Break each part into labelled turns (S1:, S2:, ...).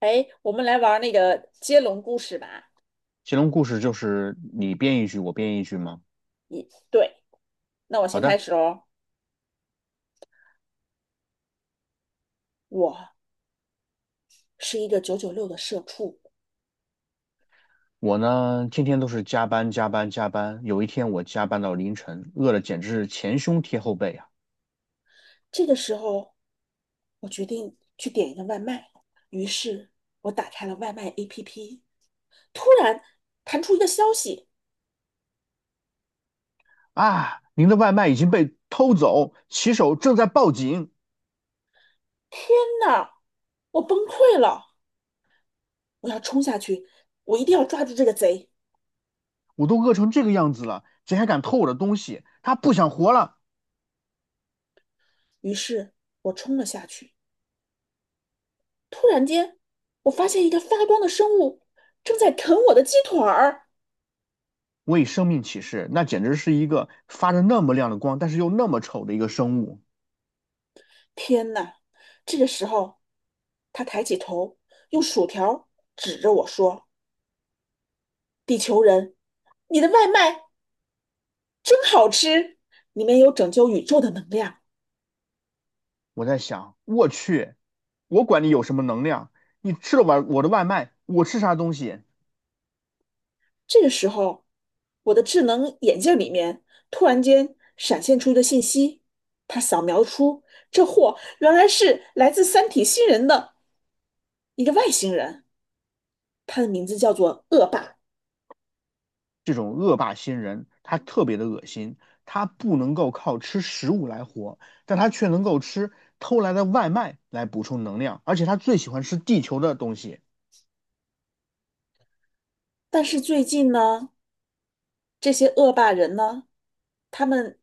S1: 哎，我们来玩儿那个接龙故事吧。
S2: 乾隆故事就是你编一句，我编一句吗？
S1: 对，那我
S2: 好
S1: 先开
S2: 的，
S1: 始哦。我是一个996的社畜，
S2: 我呢天天都是加班加班加班，有一天我加班到凌晨，饿得简直是前胸贴后背啊！
S1: 这个时候我决定去点一个外卖，于是我打开了外卖 APP，突然弹出一个消息，
S2: 啊，您的外卖已经被偷走，骑手正在报警，
S1: 天呐，我崩溃了！我要冲下去，我一定要抓住这个贼。
S2: 我都饿成这个样子了，谁还敢偷我的东西？他不想活了！
S1: 于是我冲了下去，突然间我发现一个发光的生物正在啃我的鸡腿儿。
S2: 我以生命起誓，那简直是一个发着那么亮的光，但是又那么丑的一个生物。
S1: 天呐！这个时候，他抬起头，用薯条指着我说：“地球人，你的外卖真好吃，里面有拯救宇宙的能量。”
S2: 我在想，我去，我管你有什么能量，你吃了我的外卖，我吃啥东西？
S1: 这个时候，我的智能眼镜里面突然间闪现出一个信息，他扫描出这货原来是来自三体星人的一个外星人，他的名字叫做恶霸。
S2: 这种恶霸星人，他特别的恶心，他不能够靠吃食物来活，但他却能够吃偷来的外卖来补充能量，而且他最喜欢吃地球的东西。
S1: 但是最近呢，这些恶霸人呢，他们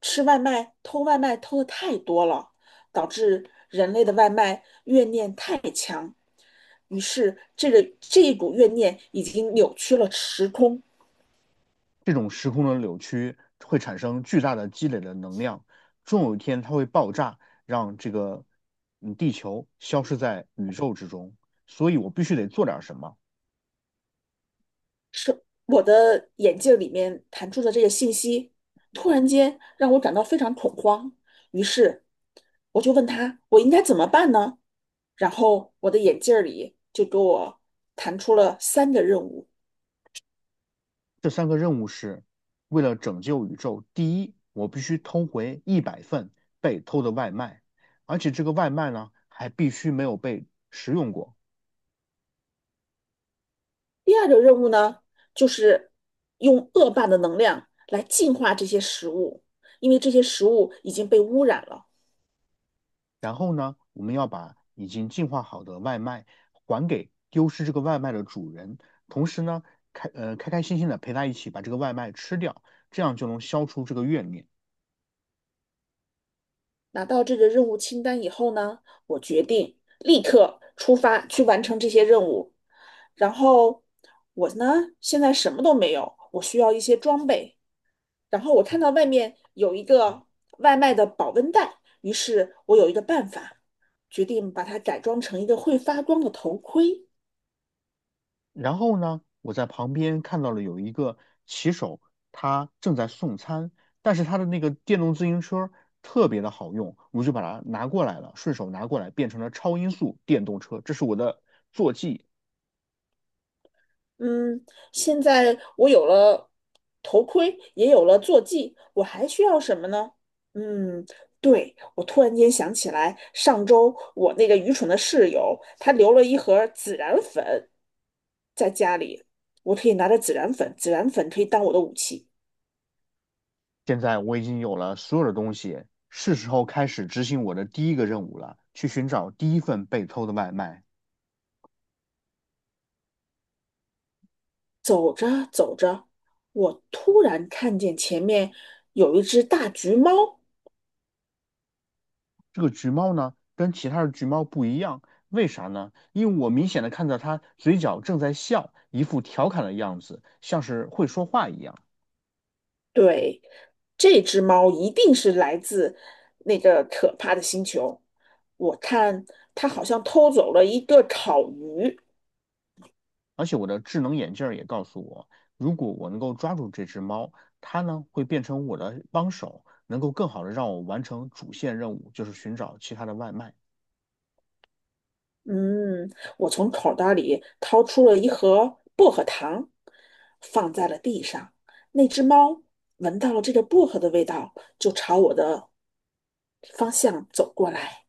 S1: 吃外卖、偷外卖偷的太多了，导致人类的外卖怨念太强，于是这一股怨念已经扭曲了时空，
S2: 这种时空的扭曲会产生巨大的积累的能量，终有一天它会爆炸，让这个地球消失在宇宙之中。所以我必须得做点什么。
S1: 是我的眼镜里面弹出的这个信息，突然间让我感到非常恐慌，于是我就问他，我应该怎么办呢？然后我的眼镜里就给我弹出了三个任务。
S2: 这三个任务是为了拯救宇宙。第一，我必须偷回100份被偷的外卖，而且这个外卖呢还必须没有被食用过。
S1: 第二个任务呢，就是用恶霸的能量来净化这些食物，因为这些食物已经被污染了。
S2: 然后呢，我们要把已经进化好的外卖还给丢失这个外卖的主人，同时呢，开心心的陪他一起把这个外卖吃掉，这样就能消除这个怨念。
S1: 拿到这个任务清单以后呢，我决定立刻出发去完成这些任务。然后我呢，现在什么都没有，我需要一些装备。然后我看到外面有一个外卖的保温袋，于是我有一个办法，决定把它改装成一个会发光的头盔。
S2: 然后呢，我在旁边看到了有一个骑手，他正在送餐，但是他的那个电动自行车特别的好用，我就把它拿过来了，顺手拿过来变成了超音速电动车，这是我的坐骑。
S1: 嗯，现在我有了头盔，也有了坐骑，我还需要什么呢？嗯，对，我突然间想起来，上周我那个愚蠢的室友，他留了一盒孜然粉在家里，我可以拿着孜然粉，孜然粉可以当我的武器。
S2: 现在我已经有了所有的东西，是时候开始执行我的第一个任务了，去寻找第一份被偷的外卖。
S1: 走着走着，我突然看见前面有一只大橘猫，
S2: 这个橘猫呢，跟其他的橘猫不一样，为啥呢？因为我明显的看到它嘴角正在笑，一副调侃的样子，像是会说话一样。
S1: 对，这只猫一定是来自那个可怕的星球。我看它好像偷走了一个烤鱼。
S2: 而且我的智能眼镜儿也告诉我，如果我能够抓住这只猫，它呢会变成我的帮手，能够更好的让我完成主线任务，就是寻找其他的外卖。
S1: 嗯，我从口袋里掏出了一盒薄荷糖，放在了地上。那只猫闻到了这个薄荷的味道，就朝我的方向走过来，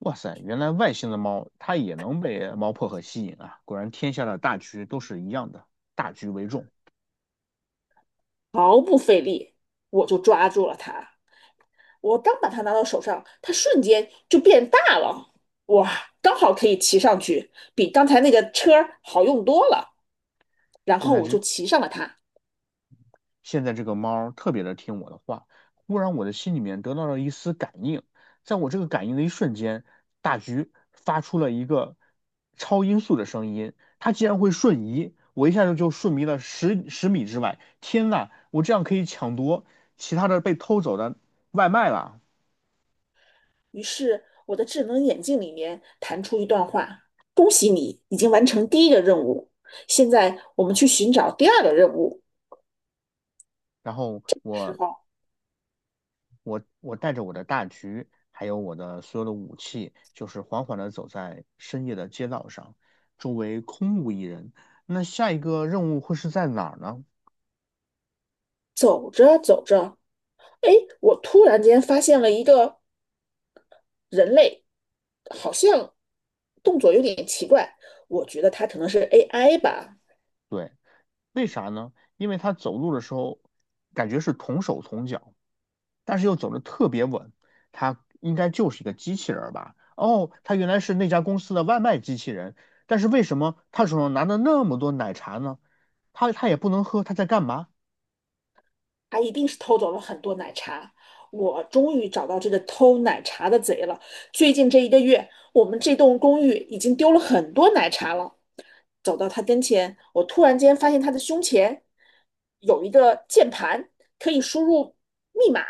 S2: 哇塞，原来外星的猫它也能被猫薄荷吸引啊！果然天下的大局都是一样的，大局为重。
S1: 毫不费力，我就抓住了它。我刚把它拿到手上，它瞬间就变大了，哇，刚好可以骑上去，比刚才那个车好用多了。然
S2: 现
S1: 后
S2: 在
S1: 我就
S2: 这
S1: 骑上了它，
S2: 现在这个猫儿特别的听我的话，忽然我的心里面得到了一丝感应，在我这个感应的一瞬间，大橘发出了一个超音速的声音，它竟然会瞬移，我一下子就瞬移了十米之外，天呐，我这样可以抢夺其他的被偷走的外卖了。
S1: 于是我的智能眼镜里面弹出一段话：“恭喜你已经完成第一个任务，现在我们去寻找第二个任务。”
S2: 然后
S1: 时
S2: 我
S1: 候
S2: 我我带着我的大狙，还有我的所有的武器，就是缓缓地走在深夜的街道上，周围空无一人。那下一个任务会是在哪儿呢？
S1: 走着走着，哎，我突然间发现了一个人类，好像动作有点奇怪，我觉得它可能是 AI 吧。
S2: 对，为啥呢？因为他走路的时候感觉是同手同脚，但是又走得特别稳。他应该就是一个机器人儿吧？哦，他原来是那家公司的外卖机器人，但是为什么他手上拿的那么多奶茶呢？他也不能喝，他在干嘛？
S1: 他一定是偷走了很多奶茶。我终于找到这个偷奶茶的贼了。最近这一个月，我们这栋公寓已经丢了很多奶茶了。走到他跟前，我突然间发现他的胸前有一个键盘，可以输入密码。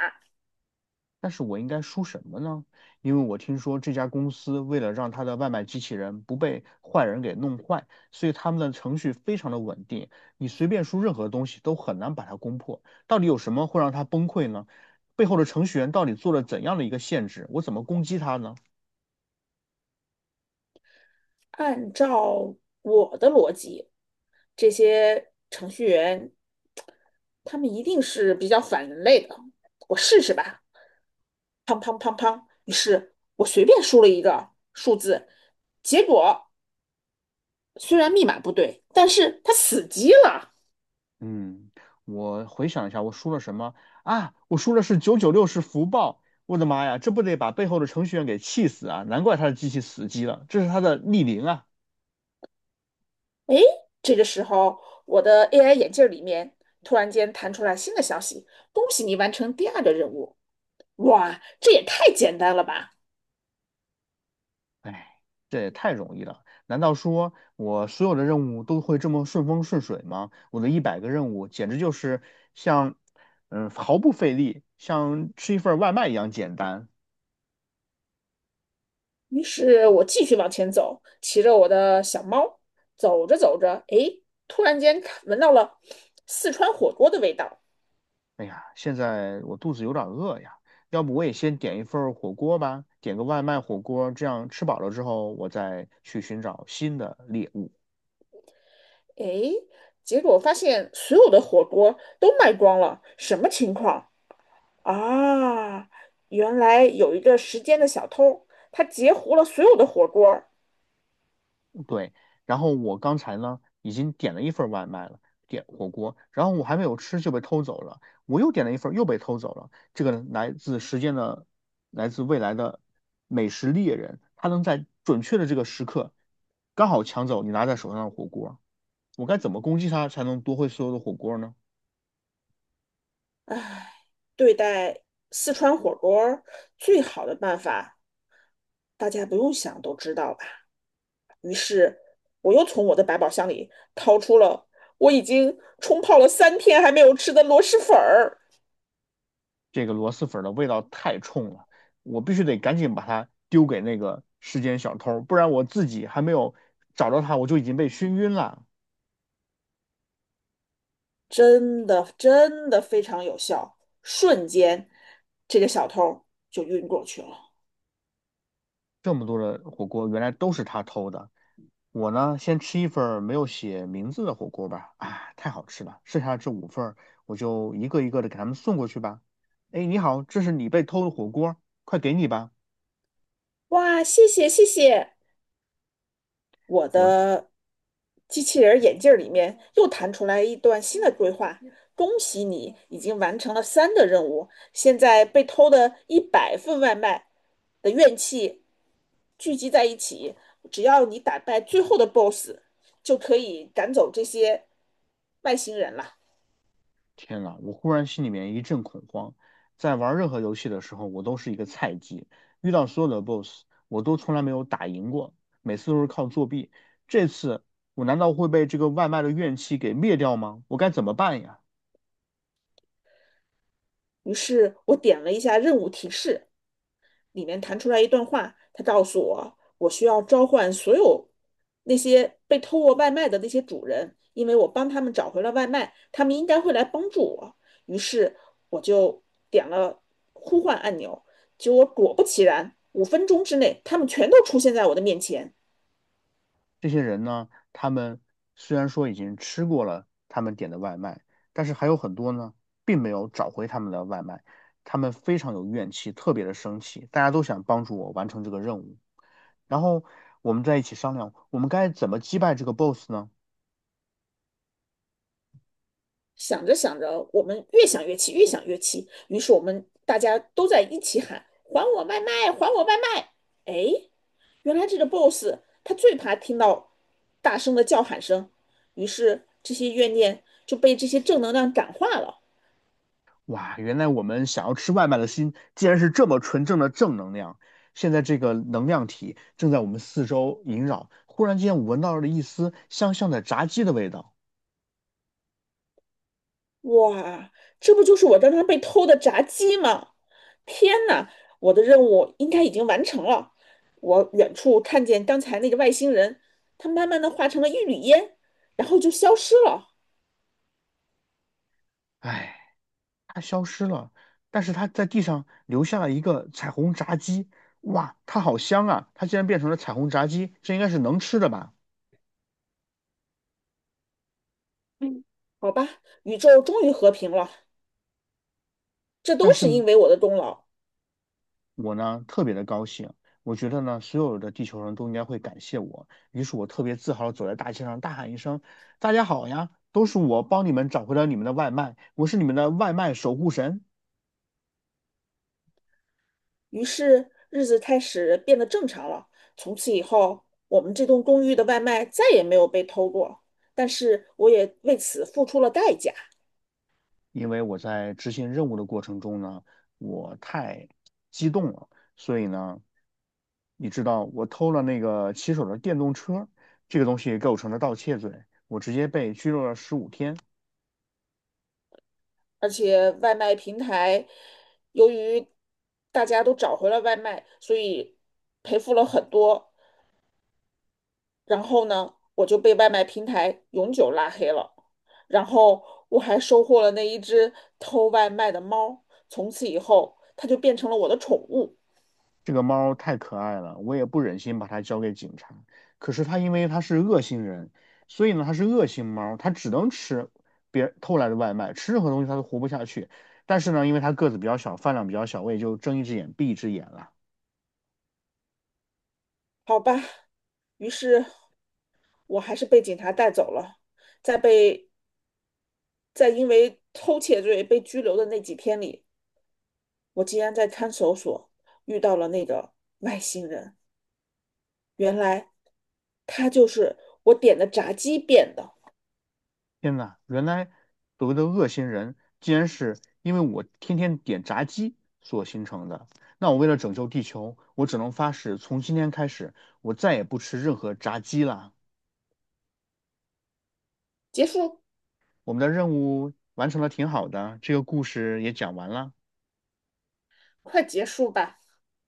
S2: 但是我应该输什么呢？因为我听说这家公司为了让他的外卖机器人不被坏人给弄坏，所以他们的程序非常的稳定，你随便输任何东西都很难把它攻破。到底有什么会让它崩溃呢？背后的程序员到底做了怎样的一个限制？我怎么攻击它呢？
S1: 按照我的逻辑，这些程序员他们一定是比较反人类的。我试试吧。于是我随便输了一个数字，结果虽然密码不对，但是它死机了。
S2: 嗯，我回想一下，我输了什么啊？我输的是九九六是福报。我的妈呀，这不得把背后的程序员给气死啊！难怪他的机器死机了，这是他的逆鳞啊！
S1: 哎，这个时候我的 AI 眼镜里面突然间弹出来新的消息：恭喜你完成第二个任务。哇，这也太简单了吧！
S2: 哎，这也太容易了。难道说我所有的任务都会这么顺风顺水吗？我的100个任务简直就是像，毫不费力，像吃一份外卖一样简单。
S1: 于是我继续往前走，骑着我的小猫，走着走着，哎，突然间闻到了四川火锅的味道。
S2: 哎呀，现在我肚子有点饿呀，要不我也先点一份火锅吧，点个外卖火锅，这样吃饱了之后，我再去寻找新的猎物。
S1: 哎，结果发现所有的火锅都卖光了，什么情况？啊，原来有一个时间的小偷，他截胡了所有的火锅儿。
S2: 对，然后我刚才呢已经点了一份外卖了，点火锅，然后我还没有吃就被偷走了，我又点了一份又被偷走了。这个来自时间的，来自未来的美食猎人，他能在准确的这个时刻刚好抢走你拿在手上的火锅，我该怎么攻击他才能夺回所有的火锅呢？
S1: 对待四川火锅儿最好的办法，大家不用想都知道吧？于是，我又从我的百宝箱里掏出了我已经冲泡了3天还没有吃的螺蛳粉儿，
S2: 这个螺蛳粉的味道太冲了，我必须得赶紧把它丢给那个时间小偷，不然我自己还没有找到他，我就已经被熏晕了。
S1: 真的真的非常有效，瞬间这个小偷就晕过去了。
S2: 这么多的火锅原来都是他偷的。我呢，先吃一份儿没有写名字的火锅吧，啊，太好吃了！剩下的这五份儿，我就一个一个的给他们送过去吧。哎，你好，这是你被偷的火锅，快给你吧！
S1: 哇，谢谢谢谢。我
S2: 我
S1: 的机器人眼镜儿里面又弹出来一段新的对话：恭喜你已经完成了三的任务，现在被偷的100份外卖的怨气聚集在一起，只要你打败最后的 BOSS，就可以赶走这些外星人了。
S2: 天呐，我忽然心里面一阵恐慌。在玩任何游戏的时候，我都是一个菜鸡，遇到所有的 BOSS，我都从来没有打赢过，每次都是靠作弊。这次我难道会被这个外卖的怨气给灭掉吗？我该怎么办呀？
S1: 于是我点了一下任务提示，里面弹出来一段话，他告诉我，我需要召唤所有那些被偷过外卖的那些主人，因为我帮他们找回了外卖，他们应该会来帮助我。于是我就点了呼唤按钮，结果果不其然，5分钟之内，他们全都出现在我的面前。
S2: 这些人呢，他们虽然说已经吃过了他们点的外卖，但是还有很多呢，并没有找回他们的外卖，他们非常有怨气，特别的生气，大家都想帮助我完成这个任务。然后我们在一起商量，我们该怎么击败这个 boss 呢？
S1: 想着想着，我们越想越气，越想越气，于是我们大家都在一起喊：“还我外卖！还我外卖！”哎，原来这个 boss 他最怕听到大声的叫喊声，于是这些怨念就被这些正能量感化了。
S2: 哇，原来我们想要吃外卖的心，竟然是这么纯正的正能量。现在这个能量体正在我们四周萦绕，忽然间我闻到了一丝香香的炸鸡的味道。
S1: 哇，这不就是我刚刚被偷的炸鸡吗？天哪，我的任务应该已经完成了。我远处看见刚才那个外星人，他慢慢的化成了一缕烟，然后就消失了。
S2: 哎。它消失了，但是它在地上留下了一个彩虹炸鸡，哇，它好香啊！它竟然变成了彩虹炸鸡，这应该是能吃的吧？
S1: 嗯，好吧，宇宙终于和平了，这
S2: 但
S1: 都
S2: 是
S1: 是
S2: 呢，
S1: 因为我的功劳。
S2: 我呢特别的高兴，我觉得呢所有的地球人都应该会感谢我，于是我特别自豪的走在大街上大喊一声："大家好呀，都是我帮你们找回了你们的外卖，我是你们的外卖守护神。"
S1: 于是日子开始变得正常了。从此以后，我们这栋公寓的外卖再也没有被偷过，但是我也为此付出了代价。
S2: 因为我在执行任务的过程中呢，我太激动了。所以呢，你知道我偷了那个骑手的电动车，这个东西构成了盗窃罪，我直接被拘留了15天。
S1: 而且外卖平台，由于大家都找回了外卖，所以赔付了很多。然后呢，我就被外卖平台永久拉黑了。然后我还收获了那一只偷外卖的猫，从此以后它就变成了我的宠物。
S2: 这个猫太可爱了，我也不忍心把它交给警察。可是它因为它是恶性人，所以呢它是恶性猫，它只能吃别人偷来的外卖，吃任何东西它都活不下去。但是呢，因为它个子比较小，饭量比较小，我也就睁一只眼闭一只眼了。
S1: 好吧，于是我还是被警察带走了。在被在因为偷窃罪被拘留的那几天里，我竟然在看守所遇到了那个外星人。原来他就是我点的炸鸡变的。
S2: 天呐，原来所谓的恶心人，竟然是因为我天天点炸鸡所形成的。那我为了拯救地球，我只能发誓，从今天开始，我再也不吃任何炸鸡了。
S1: 结束，
S2: 我们的任务完成的挺好的，这个故事也讲完了。
S1: 快结束吧。